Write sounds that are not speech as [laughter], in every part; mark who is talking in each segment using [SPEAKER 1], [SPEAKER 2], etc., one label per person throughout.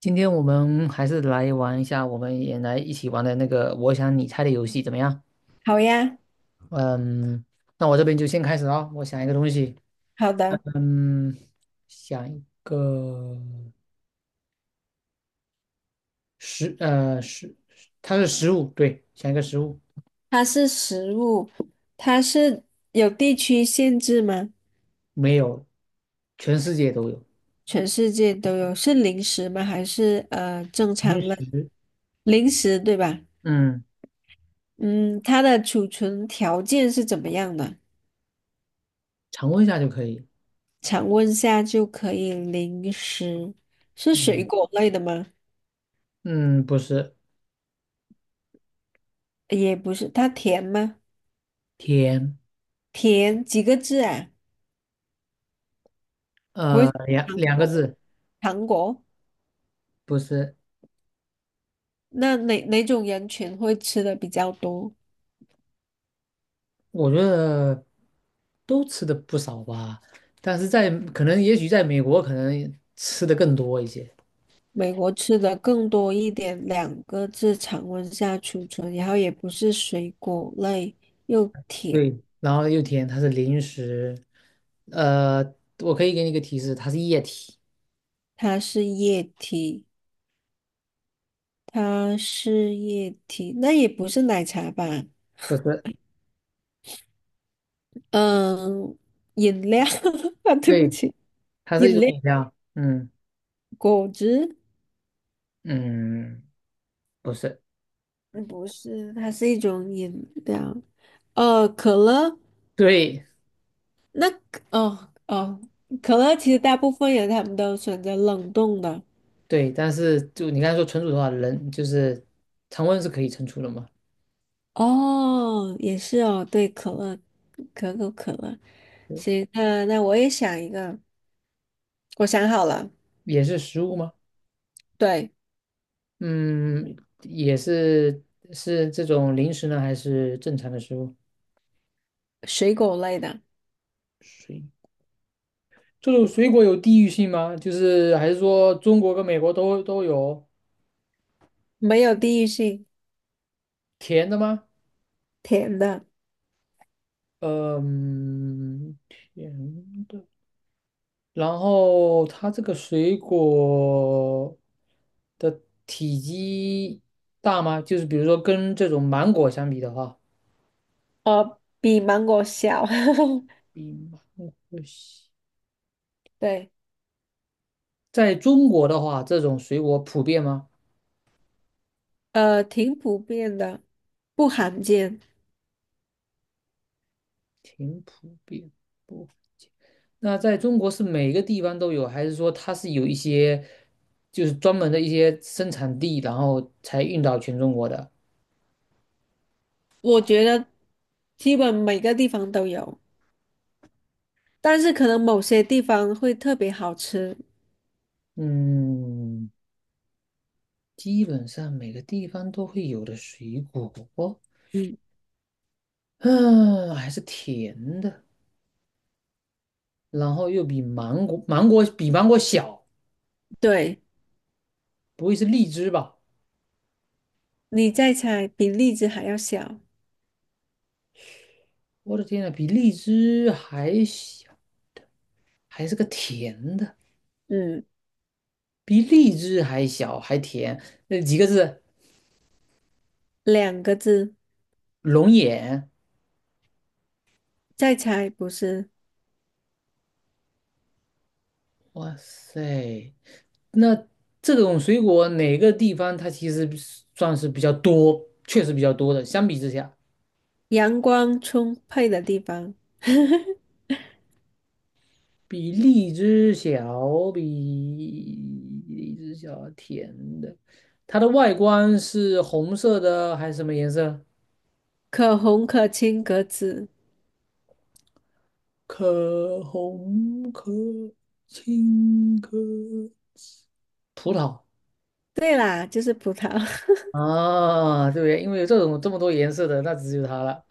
[SPEAKER 1] 今天我们还是来玩一下，我们也来一起玩的那个我想你猜的游戏怎么样？
[SPEAKER 2] 好呀，
[SPEAKER 1] 嗯，那我这边就先开始啊，我想一个东西。
[SPEAKER 2] 好的。
[SPEAKER 1] 嗯，想一个食，它是食物，对，想一个食物。
[SPEAKER 2] 它是食物，它是有地区限制吗？
[SPEAKER 1] 没有，全世界都有。
[SPEAKER 2] 全世界都有，是零食吗？还是正常
[SPEAKER 1] 零
[SPEAKER 2] 的
[SPEAKER 1] 食。
[SPEAKER 2] 零食，对吧？
[SPEAKER 1] 嗯，
[SPEAKER 2] 嗯，它的储存条件是怎么样的？
[SPEAKER 1] 常温下就可以。
[SPEAKER 2] 常温下就可以零食，是水
[SPEAKER 1] 嗯。
[SPEAKER 2] 果类的吗？
[SPEAKER 1] 嗯，不是。
[SPEAKER 2] 也不是，它甜吗？
[SPEAKER 1] 甜。
[SPEAKER 2] 甜几个字啊？不会是
[SPEAKER 1] 两
[SPEAKER 2] 糖
[SPEAKER 1] 两个
[SPEAKER 2] 果吧
[SPEAKER 1] 字，
[SPEAKER 2] 糖果？
[SPEAKER 1] 不是。
[SPEAKER 2] 那哪种人群会吃的比较多？
[SPEAKER 1] 我觉得都吃的不少吧，但是在可能也许在美国可能吃的更多一些。
[SPEAKER 2] 美国吃的更多一点，两个字常温下储存，然后也不是水果类，又甜，
[SPEAKER 1] 对，然后又甜，它是零食。呃，我可以给你一个提示，它是液体。
[SPEAKER 2] 它是液体，它是液体，那也不是奶茶吧？
[SPEAKER 1] 不是。
[SPEAKER 2] 嗯，饮料 [laughs] 啊，对不
[SPEAKER 1] 对，
[SPEAKER 2] 起，
[SPEAKER 1] 它
[SPEAKER 2] 饮
[SPEAKER 1] 是一种
[SPEAKER 2] 料，
[SPEAKER 1] 饮料。嗯。
[SPEAKER 2] 果汁，
[SPEAKER 1] 嗯，不是。
[SPEAKER 2] 嗯不是，它是一种饮料。可乐，
[SPEAKER 1] 对。
[SPEAKER 2] 那哦哦，可乐其实大部分人他们都选择冷冻的。
[SPEAKER 1] 对，但是就你刚才说存储的话，人就是常温是可以存储的嘛。
[SPEAKER 2] 哦，也是哦，对，可乐，可口可乐。行，那我也想一个，我想好了，
[SPEAKER 1] 也是食物吗？
[SPEAKER 2] 对，
[SPEAKER 1] 嗯，也是。是这种零食呢，还是正常的食物？
[SPEAKER 2] 水果类的，
[SPEAKER 1] 水。这种水果有地域性吗？就是还是说中国跟美国都有。
[SPEAKER 2] 没有地域性，
[SPEAKER 1] 甜的吗？
[SPEAKER 2] 甜的，
[SPEAKER 1] 嗯，甜的。然后它这个水果的体积大吗？就是比如说跟这种芒果相比的话。
[SPEAKER 2] 哦，比芒果小，
[SPEAKER 1] 比芒果小。
[SPEAKER 2] [laughs] 对，
[SPEAKER 1] 在中国的话，这种水果普遍吗？
[SPEAKER 2] 挺普遍的，不罕见，
[SPEAKER 1] 挺普遍。不。那在中国是每个地方都有，还是说它是有一些？就是专门的一些生产地，然后才运到全中国的。
[SPEAKER 2] 我觉得基本每个地方都有，但是可能某些地方会特别好吃。
[SPEAKER 1] 嗯，基本上每个地方都会有的水果。
[SPEAKER 2] 嗯，
[SPEAKER 1] 嗯，还是甜的，然后又比芒果，芒果比芒果小。
[SPEAKER 2] 对，
[SPEAKER 1] 不会是荔枝吧？
[SPEAKER 2] 你再猜，比荔枝还要小，
[SPEAKER 1] 我的天呐，比荔枝还小，还是个甜的。
[SPEAKER 2] 嗯，
[SPEAKER 1] 比荔枝还小还甜，那几个字？
[SPEAKER 2] 两个字。
[SPEAKER 1] 龙眼。
[SPEAKER 2] 再猜，不是
[SPEAKER 1] 哇塞，那这种水果哪个地方它其实是算是比较多，确实比较多的。相比之下，
[SPEAKER 2] 阳光充沛的地方，[laughs]
[SPEAKER 1] 比荔枝小，比荔枝小甜的。它的外观是红色的还是什么颜色？
[SPEAKER 2] 可红可青可紫。
[SPEAKER 1] 可红可青可葡萄
[SPEAKER 2] 对啦，就是葡萄，
[SPEAKER 1] 啊，对不对？因为有这种这么多颜色的，那只有它了。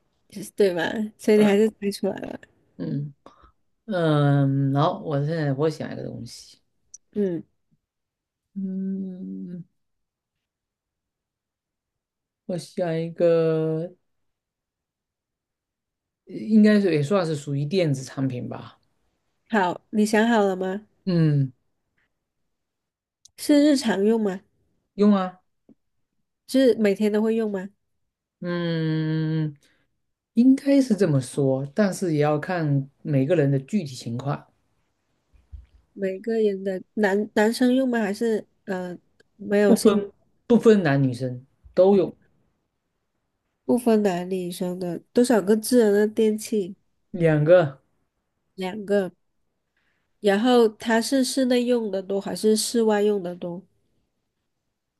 [SPEAKER 2] [laughs] 就是对嘛？所以你还是猜出来了。
[SPEAKER 1] 嗯。嗯，好，我现在我想一个东西。
[SPEAKER 2] 嗯，
[SPEAKER 1] 嗯，我想一个，应该是也算是属于电子产品吧。
[SPEAKER 2] 好，你想好了吗？
[SPEAKER 1] 嗯，
[SPEAKER 2] 是日常用吗？
[SPEAKER 1] 用啊。
[SPEAKER 2] 是每天都会用吗？
[SPEAKER 1] 嗯，应该是这么说，但是也要看每个人的具体情况。
[SPEAKER 2] 每个人的男生用吗？还是没有
[SPEAKER 1] 不
[SPEAKER 2] 性
[SPEAKER 1] 分不分男女生都用。
[SPEAKER 2] 不分男女生的？多少个智能的电器？
[SPEAKER 1] 两个。
[SPEAKER 2] 两个。然后它是室内用的多还是室外用的多？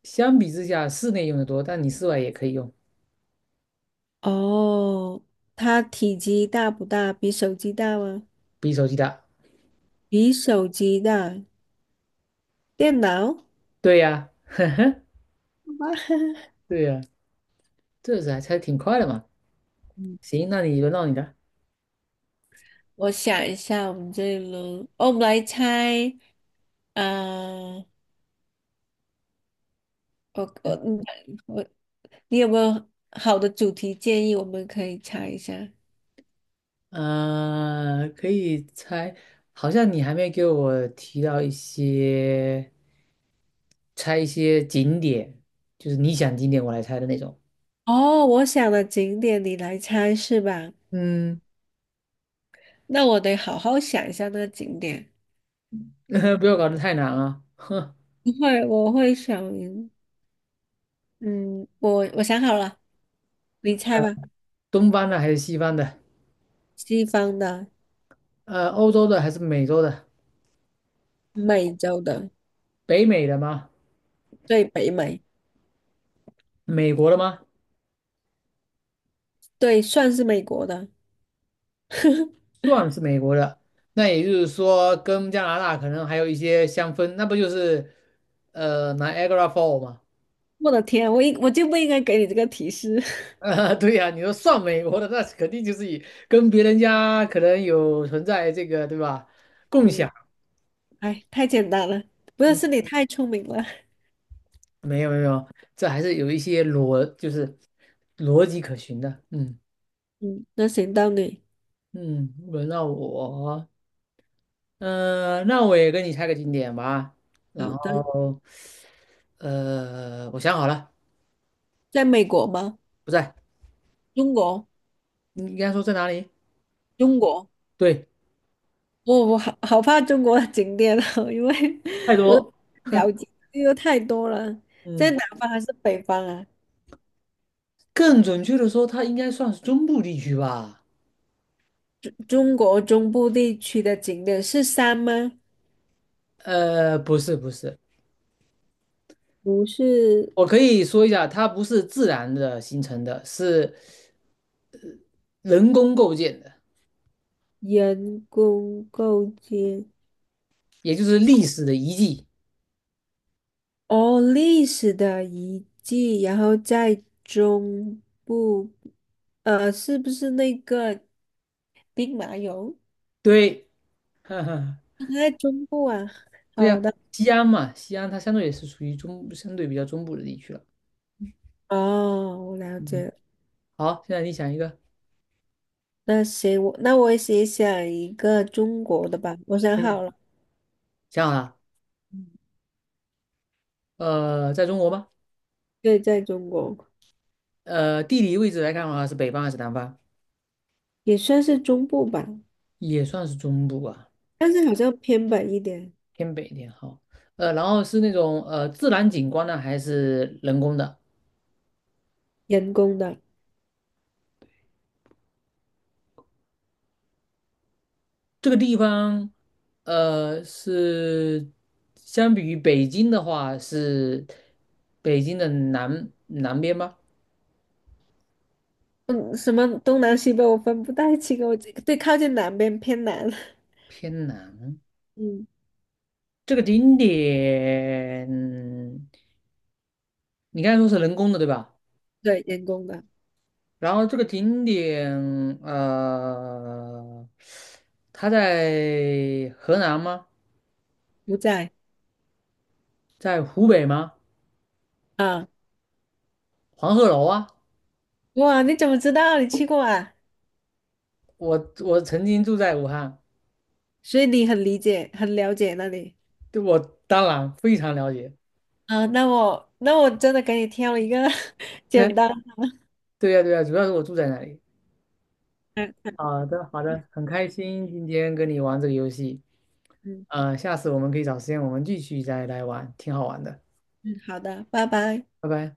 [SPEAKER 1] 相比之下，室内用的多，但你室外也可以用。
[SPEAKER 2] 哦，它体积大不大？比手机大吗？
[SPEAKER 1] 比手机大。
[SPEAKER 2] 比手机大。电脑？好
[SPEAKER 1] 对呀，
[SPEAKER 2] 吧
[SPEAKER 1] 对呀，这是还才挺快的嘛。
[SPEAKER 2] [laughs]，嗯，
[SPEAKER 1] 行，那你轮到你的。
[SPEAKER 2] 我想一下，我们这一轮，哦，我们来猜，啊，我我你我，你有没有好的主题建议？我们可以猜一下。
[SPEAKER 1] 可以猜，好像你还没给我提到一些猜一些景点，就是你想景点我来猜的那种。
[SPEAKER 2] 哦，我想的景点你来猜是吧？
[SPEAKER 1] 嗯。
[SPEAKER 2] 那我得好好想一下那个景点。
[SPEAKER 1] [laughs]
[SPEAKER 2] 嗯，
[SPEAKER 1] 不要搞得太难啊。
[SPEAKER 2] 不会，我会想，嗯，我想好了，你猜吧。
[SPEAKER 1] 东方的还是西方的？
[SPEAKER 2] 西方的，
[SPEAKER 1] 欧洲的还是美洲的？
[SPEAKER 2] 美洲的，
[SPEAKER 1] 北美的吗？
[SPEAKER 2] 对北美，
[SPEAKER 1] 美国的吗？
[SPEAKER 2] 对，算是美国的。
[SPEAKER 1] 算是美国的。那也就是说，跟加拿大可能还有一些相分，那不就是拿 i a g r a Fall 吗？
[SPEAKER 2] 我的天啊，我就不应该给你这个提示。
[SPEAKER 1] [laughs]
[SPEAKER 2] [laughs]
[SPEAKER 1] 对呀、你说算美国的，那肯定就是以跟别人家可能有存在这个，对吧？共
[SPEAKER 2] 嗯，
[SPEAKER 1] 享。
[SPEAKER 2] 哎，太简单了，不是，
[SPEAKER 1] 嗯，
[SPEAKER 2] 是你太聪明了。
[SPEAKER 1] 没有，这还是有一些逻，就是逻辑可循的。嗯。
[SPEAKER 2] 嗯，那行到你。
[SPEAKER 1] 嗯。轮到我，那我也跟你猜个景点吧。然
[SPEAKER 2] 好的，
[SPEAKER 1] 后，我想好了。
[SPEAKER 2] 在美国吗？
[SPEAKER 1] 不在。
[SPEAKER 2] 中国，
[SPEAKER 1] 你应该说在哪里？
[SPEAKER 2] 中国，
[SPEAKER 1] 对。
[SPEAKER 2] 我好好怕中国的景点哦，因为
[SPEAKER 1] 泰
[SPEAKER 2] [laughs] 我都
[SPEAKER 1] 多，
[SPEAKER 2] 不了
[SPEAKER 1] [laughs]
[SPEAKER 2] 解，因为太多了。在
[SPEAKER 1] 嗯，
[SPEAKER 2] 南方还是北方啊？
[SPEAKER 1] 更准确的说，它应该算是中部地区吧。
[SPEAKER 2] 中国中部地区的景点是山吗？
[SPEAKER 1] 不是，
[SPEAKER 2] 不是
[SPEAKER 1] 我可以说一下，它不是自然的形成的，是人工构建的，
[SPEAKER 2] 人工构建
[SPEAKER 1] 也就是历史的遗迹。
[SPEAKER 2] 哦，历史的遗迹，然后在中部，是不是那个兵马俑？
[SPEAKER 1] 对，[laughs] 哈哈，
[SPEAKER 2] 它在中部啊。
[SPEAKER 1] 对
[SPEAKER 2] 好
[SPEAKER 1] 呀、
[SPEAKER 2] 的，
[SPEAKER 1] 西安嘛，西安它相对也是属于中，相对比较中部的地区了。
[SPEAKER 2] 哦，我了
[SPEAKER 1] 嗯，
[SPEAKER 2] 解了
[SPEAKER 1] 好，现在你想一个。
[SPEAKER 2] 那行，我也写想一个中国的吧，我想
[SPEAKER 1] 嗯，
[SPEAKER 2] 好了，
[SPEAKER 1] 想好了？
[SPEAKER 2] 嗯
[SPEAKER 1] 在中国吗？
[SPEAKER 2] 对，在中国
[SPEAKER 1] 地理位置来看的话，是北方还是南方？
[SPEAKER 2] 也算是中部吧，
[SPEAKER 1] 也算是中部吧，
[SPEAKER 2] 但是好像偏北一点，
[SPEAKER 1] 偏北一点。好，然后是那种自然景观呢，还是人工的？
[SPEAKER 2] 人工的。
[SPEAKER 1] 这个地方，是相比于北京的话，是北京的南边吗？
[SPEAKER 2] 嗯，什么东南西北我分不太清，我这对靠近南边偏南。[laughs]
[SPEAKER 1] 偏南。
[SPEAKER 2] 嗯，
[SPEAKER 1] 这个景点，你刚才说是人工的，对吧？
[SPEAKER 2] 对，员工的
[SPEAKER 1] 然后这个景点，呃，它在河南吗？
[SPEAKER 2] 不在
[SPEAKER 1] 在湖北吗？
[SPEAKER 2] 啊。
[SPEAKER 1] 黄鹤楼啊，
[SPEAKER 2] 哇，你怎么知道？你去过啊？
[SPEAKER 1] 我曾经住在武汉。
[SPEAKER 2] 所以你很理解，很了解那里
[SPEAKER 1] 对，我当然非常了解。
[SPEAKER 2] 啊。那我真的给你挑一个 [laughs] 简单
[SPEAKER 1] [laughs] 对呀，对呀，主要是我住在那里。
[SPEAKER 2] 嗯
[SPEAKER 1] 好的，好的，很开心今天跟你玩这个游戏。
[SPEAKER 2] 嗯
[SPEAKER 1] 下次我们可以找时间我们继续再来玩，挺好玩的。
[SPEAKER 2] 嗯，好的，拜拜。
[SPEAKER 1] 拜拜。